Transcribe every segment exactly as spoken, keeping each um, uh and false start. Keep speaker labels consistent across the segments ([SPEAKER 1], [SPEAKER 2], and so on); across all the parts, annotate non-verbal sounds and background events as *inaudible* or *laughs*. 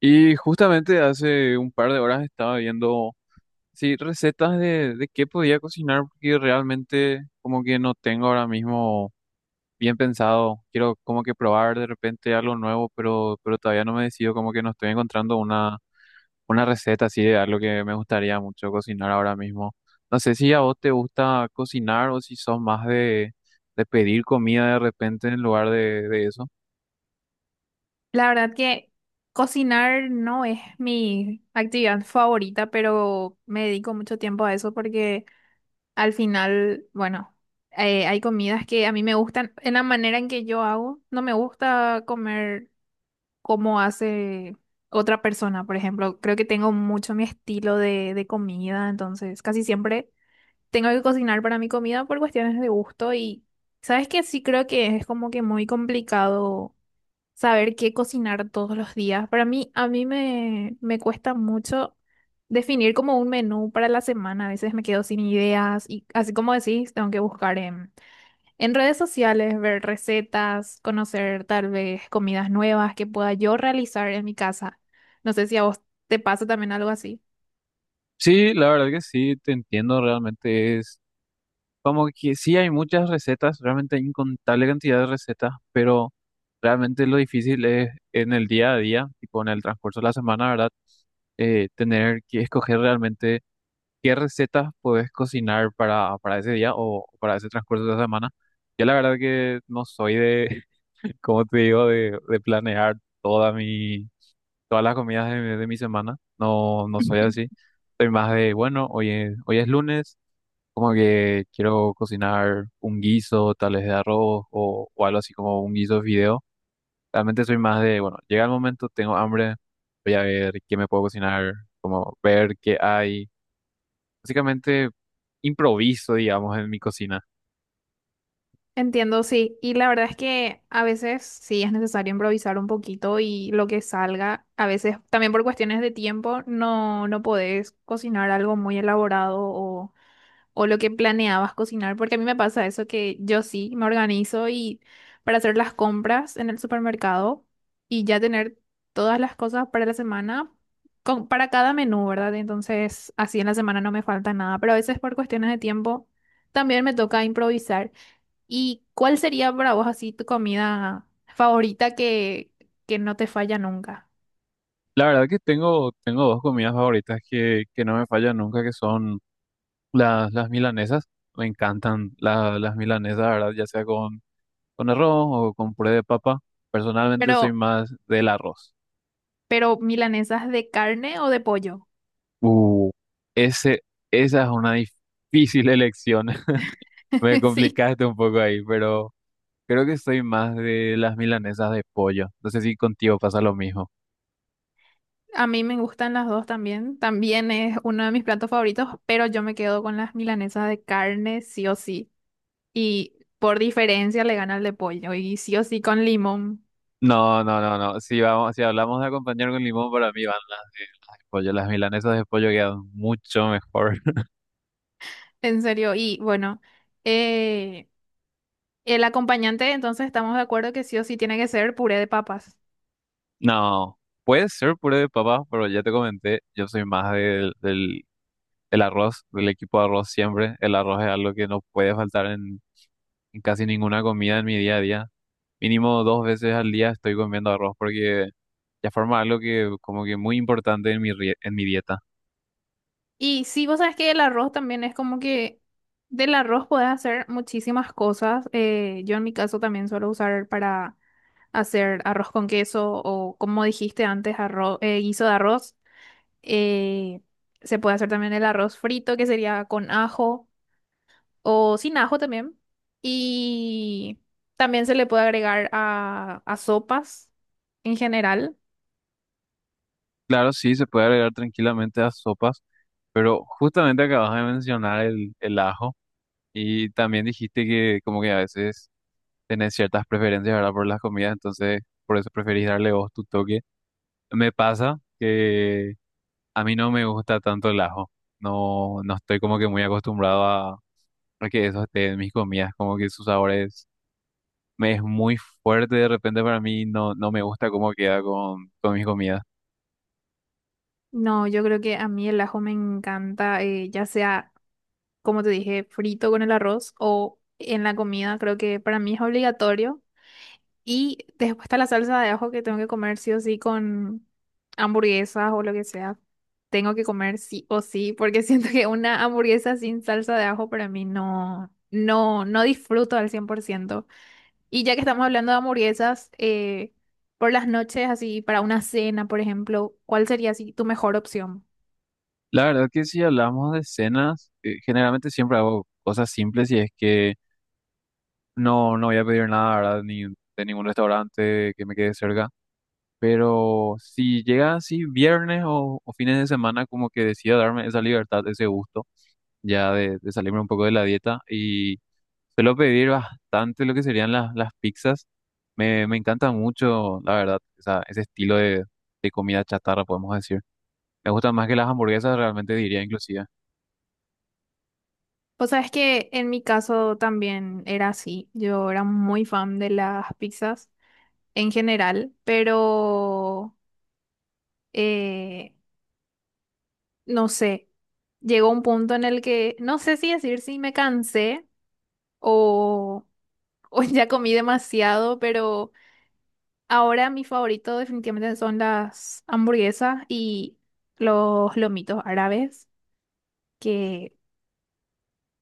[SPEAKER 1] Y justamente hace un par de horas estaba viendo, sí, recetas de, de qué podía cocinar, porque realmente como que no tengo ahora mismo bien pensado. Quiero como que probar de repente algo nuevo, pero, pero todavía no me decido, como que no estoy encontrando una, una receta así de algo que me gustaría mucho cocinar ahora mismo. No sé si a vos te gusta cocinar o si sos más de, de pedir comida de repente en lugar de, de eso.
[SPEAKER 2] La verdad que cocinar no es mi actividad favorita, pero me dedico mucho tiempo a eso porque al final, bueno, eh, hay comidas que a mí me gustan en la manera en que yo hago. No me gusta comer como hace otra persona, por ejemplo. Creo que tengo mucho mi estilo de, de comida, entonces casi siempre tengo que cocinar para mi comida por cuestiones de gusto y, ¿sabes qué? Sí creo que es como que muy complicado saber qué cocinar todos los días. Para mí, a mí me, me cuesta mucho definir como un menú para la semana. A veces me quedo sin ideas y así como decís, tengo que buscar en, en redes sociales, ver recetas, conocer tal vez comidas nuevas que pueda yo realizar en mi casa. No sé si a vos te pasa también algo así.
[SPEAKER 1] Sí, la verdad que sí, te entiendo realmente. Como que sí hay muchas recetas, realmente hay incontable cantidad de recetas, pero realmente lo difícil es en el día a día, tipo en el transcurso de la semana, ¿verdad? Eh, tener que escoger realmente qué recetas puedes cocinar para, para ese día o para ese transcurso de la semana. Yo la verdad que no soy de, *laughs* como te digo, de, de planear toda mi, todas las comidas de, mi de mi semana. No, no soy así. Soy más de, bueno, hoy es- hoy es lunes. Como que quiero cocinar un guiso, tal vez de arroz o, o algo así como un guiso de fideo. Realmente soy más de, bueno, llega el momento, tengo hambre, voy a ver qué me puedo cocinar, como ver qué hay. Básicamente improviso, digamos, en mi cocina.
[SPEAKER 2] Entiendo, sí. Y la verdad es que a veces sí es necesario improvisar un poquito y lo que salga, a veces también por cuestiones de tiempo, no, no podés cocinar algo muy elaborado o, o lo que planeabas cocinar, porque a mí me pasa eso que yo sí me organizo y para hacer las compras en el supermercado y ya tener todas las cosas para la semana, con, para cada menú, ¿verdad? Entonces así en la semana no me falta nada, pero a veces por cuestiones de tiempo también me toca improvisar. ¿Y cuál sería para vos así tu comida favorita que, que no te falla nunca?
[SPEAKER 1] La verdad que tengo, tengo dos comidas favoritas que, que no me fallan nunca, que son las, las milanesas. Me encantan la- las milanesas, la ¿verdad? Ya sea con, con arroz o con puré de papa. Personalmente soy
[SPEAKER 2] Pero,
[SPEAKER 1] más del arroz.
[SPEAKER 2] pero milanesas de carne o de pollo.
[SPEAKER 1] Uh, ese, esa es una difícil elección. *laughs* Me
[SPEAKER 2] *laughs* Sí,
[SPEAKER 1] complicaste un poco ahí, pero creo que soy más de las milanesas de pollo. No sé si contigo pasa lo mismo.
[SPEAKER 2] a mí me gustan las dos también. También es uno de mis platos favoritos, pero yo me quedo con las milanesas de carne sí o sí. Y por diferencia le gana el de pollo y sí o sí con limón.
[SPEAKER 1] No, no, no, no. Si vamos, si hablamos de acompañar con limón, para mí van las de, las de pollo. Las milanesas de pollo quedan mucho mejor. *laughs*
[SPEAKER 2] En serio. Y bueno, eh, el acompañante entonces estamos de acuerdo que sí o sí tiene que ser puré de papas.
[SPEAKER 1] No, puede ser puré de papas, pero ya te comenté, yo soy más del, del, del arroz, del equipo de arroz siempre. El arroz es algo que no puede faltar en en casi ninguna comida en mi día a día. Mínimo dos veces al día estoy comiendo arroz porque ya forma algo que como que muy importante en mi, rie- en mi dieta.
[SPEAKER 2] Y sí, vos sabes que el arroz también es como que del arroz podés hacer muchísimas cosas. Eh, yo en mi caso también suelo usar para hacer arroz con queso o como dijiste antes, arroz, eh, guiso de arroz. Eh, se puede hacer también el arroz frito, que sería con ajo o sin ajo también. Y también se le puede agregar a, a sopas en general.
[SPEAKER 1] Claro, sí, se puede agregar tranquilamente a sopas, pero justamente acabas de mencionar el, el ajo y también dijiste que como que a veces tenés ciertas preferencias, ¿verdad? Por las comidas, entonces por eso preferís darle vos tu toque. Me pasa que a mí no me gusta tanto el ajo, no, no estoy como que muy acostumbrado a, a que eso esté en mis comidas, como que sus sabores me es muy fuerte de repente para mí, no, no me gusta cómo queda con, con mis comidas.
[SPEAKER 2] No, yo creo que a mí el ajo me encanta, eh, ya sea, como te dije, frito con el arroz o en la comida, creo que para mí es obligatorio. Y después está la salsa de ajo que tengo que comer sí o sí con hamburguesas o lo que sea. Tengo que comer sí o sí, porque *laughs* siento que una hamburguesa sin salsa de ajo para mí no, no, no disfruto al cien por ciento. Y ya que estamos hablando de hamburguesas, eh, por las noches, así para una cena, por ejemplo, ¿cuál sería así tu mejor opción?
[SPEAKER 1] La verdad que si hablamos de cenas, eh, generalmente siempre hago cosas simples y es que no, no voy a pedir nada, ¿verdad? Ni de ningún restaurante que me quede cerca. Pero si llega así viernes o, o fines de semana, como que decido darme esa libertad, ese gusto. Ya de, de salirme un poco de la dieta y suelo pedir bastante lo que serían las, las pizzas. Me, me encanta mucho, la verdad, esa- ese estilo de, de comida chatarra, podemos decir. Me gustan más que las hamburguesas, realmente diría inclusive.
[SPEAKER 2] Pues sabes que en mi caso también era así. Yo era muy fan de las pizzas en general, pero eh, no sé. Llegó un punto en el que no sé si decir si me cansé o, o *laughs* ya comí demasiado, pero ahora mi favorito definitivamente son las hamburguesas y los lomitos árabes, que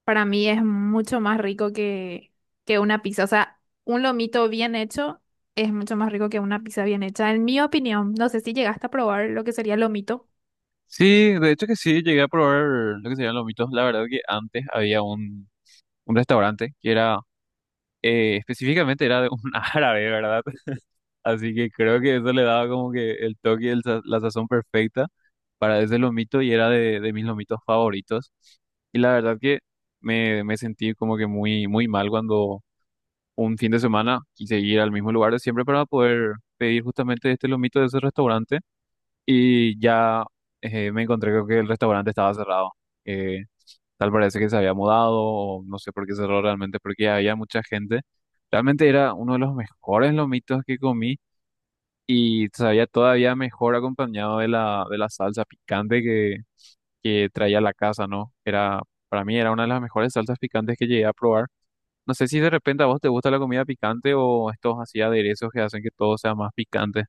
[SPEAKER 2] para mí es mucho más rico que, que una pizza. O sea, un lomito bien hecho es mucho más rico que una pizza bien hecha, en mi opinión. No sé si llegaste a probar lo que sería lomito.
[SPEAKER 1] Sí, de hecho que sí, llegué a probar lo que serían los mitos. La verdad que antes había un, un restaurante que era, eh, específicamente era de un *laughs* árabe, ¿verdad? Así que creo que eso le daba como que el toque y el sa- la sazón perfecta para ese lomito y era de, de mis lomitos favoritos. Y la verdad que me, me sentí como que muy, muy mal cuando un fin de semana quise ir al mismo lugar de siempre para poder pedir justamente este lomito de ese restaurante y ya eh, me encontré con que el restaurante estaba cerrado. Eh, Tal parece que se había mudado o no sé por qué cerró realmente porque había mucha gente. Realmente era uno de los mejores lomitos que comí y sabía todavía mejor acompañado de la, de la salsa picante que, que traía la casa, ¿no? Era, para mí era una de las mejores salsas picantes que llegué a probar. No sé si de repente a vos te gusta la comida picante o estos así aderezos que hacen que todo sea más picante.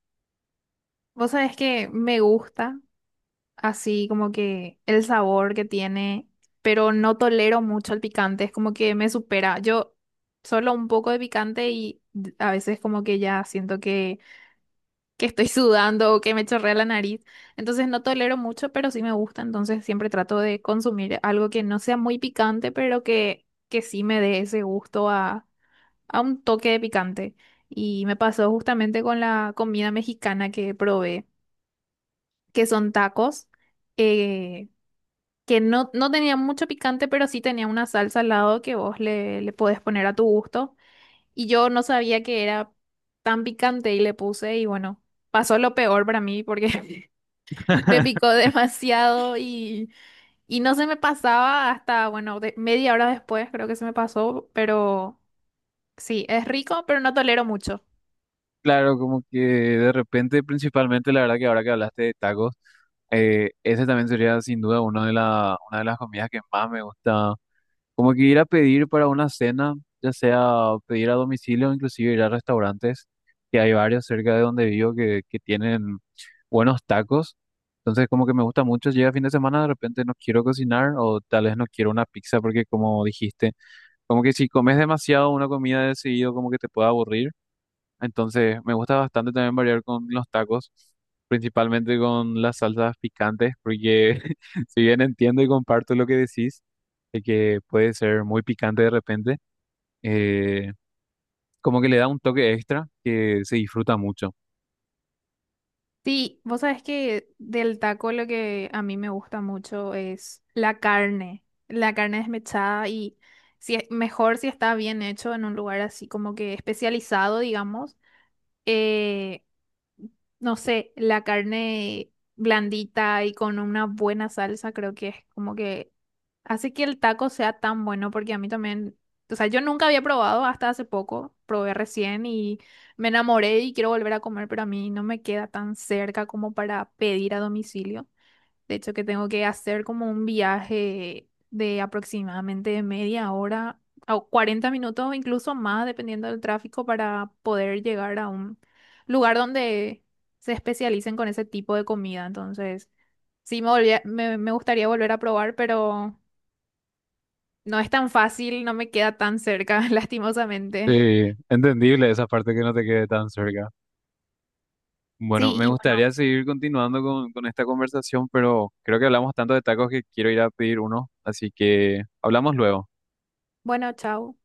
[SPEAKER 2] Vos sabés que me gusta así como que el sabor que tiene, pero no tolero mucho el picante. Es como que me supera. Yo solo un poco de picante y a veces como que ya siento que que estoy *laughs* sudando o que me chorrea la nariz. Entonces no tolero mucho, pero sí me gusta. Entonces siempre trato de consumir algo que no sea muy picante, pero que, que sí me dé ese gusto a, a un toque de picante. Y me pasó justamente con la comida mexicana que probé, que son tacos, eh, que no, no tenía mucho picante, pero sí tenía una salsa al lado que vos le, le podés poner a tu gusto. Y yo no sabía que era tan picante y le puse y bueno, pasó lo peor para mí porque *laughs* me picó
[SPEAKER 1] *laughs*
[SPEAKER 2] demasiado y, y no se me pasaba hasta, bueno, de- media hora después creo que se me pasó, pero sí, es rico, pero no tolero mucho.
[SPEAKER 1] Claro, como que de repente, principalmente, la verdad que ahora que hablaste de tacos, eh, ese también sería sin duda una de la, una de las comidas que más me gusta. Como que ir a pedir para una cena, ya sea pedir a domicilio o inclusive ir a restaurantes, que hay varios cerca de donde vivo que, que tienen buenos tacos. Entonces como que me gusta mucho, llega fin de semana, de repente no quiero cocinar o tal vez no quiero una pizza porque como dijiste, como que si comes demasiado una comida de seguido como que te puede aburrir. Entonces, me gusta bastante también variar con los tacos, principalmente con las salsas picantes, porque *laughs* si bien entiendo y comparto lo que decís, de que puede ser muy picante de repente, eh, como que le da un toque extra que se disfruta mucho.
[SPEAKER 2] Sí, vos sabés que del taco lo que a mí me gusta mucho es la carne, la carne desmechada y si es, mejor si está bien hecho en un lugar así como que especializado, digamos. Eh, no sé, la carne blandita y con una buena salsa, creo que es como que hace que el taco sea tan bueno, porque a mí también, o sea, yo nunca había probado hasta hace poco, probé recién y me enamoré y quiero volver a comer, pero a mí no me queda tan cerca como para pedir a domicilio. De hecho, que tengo que hacer como un viaje de aproximadamente media hora o cuarenta minutos, incluso más, dependiendo del tráfico, para poder llegar a un lugar donde se especialicen con ese tipo de comida. Entonces, sí me volvía- me, me gustaría volver a probar, pero no es tan fácil, no me queda tan cerca, *laughs* lastimosamente.
[SPEAKER 1] Sí, entendible esa parte que no te quede tan cerca. Bueno,
[SPEAKER 2] Sí,
[SPEAKER 1] me
[SPEAKER 2] y bueno,
[SPEAKER 1] gustaría seguir continuando con, con esta conversación, pero creo que hablamos tanto de tacos que quiero ir a pedir uno, así que hablamos luego.
[SPEAKER 2] bueno, chao.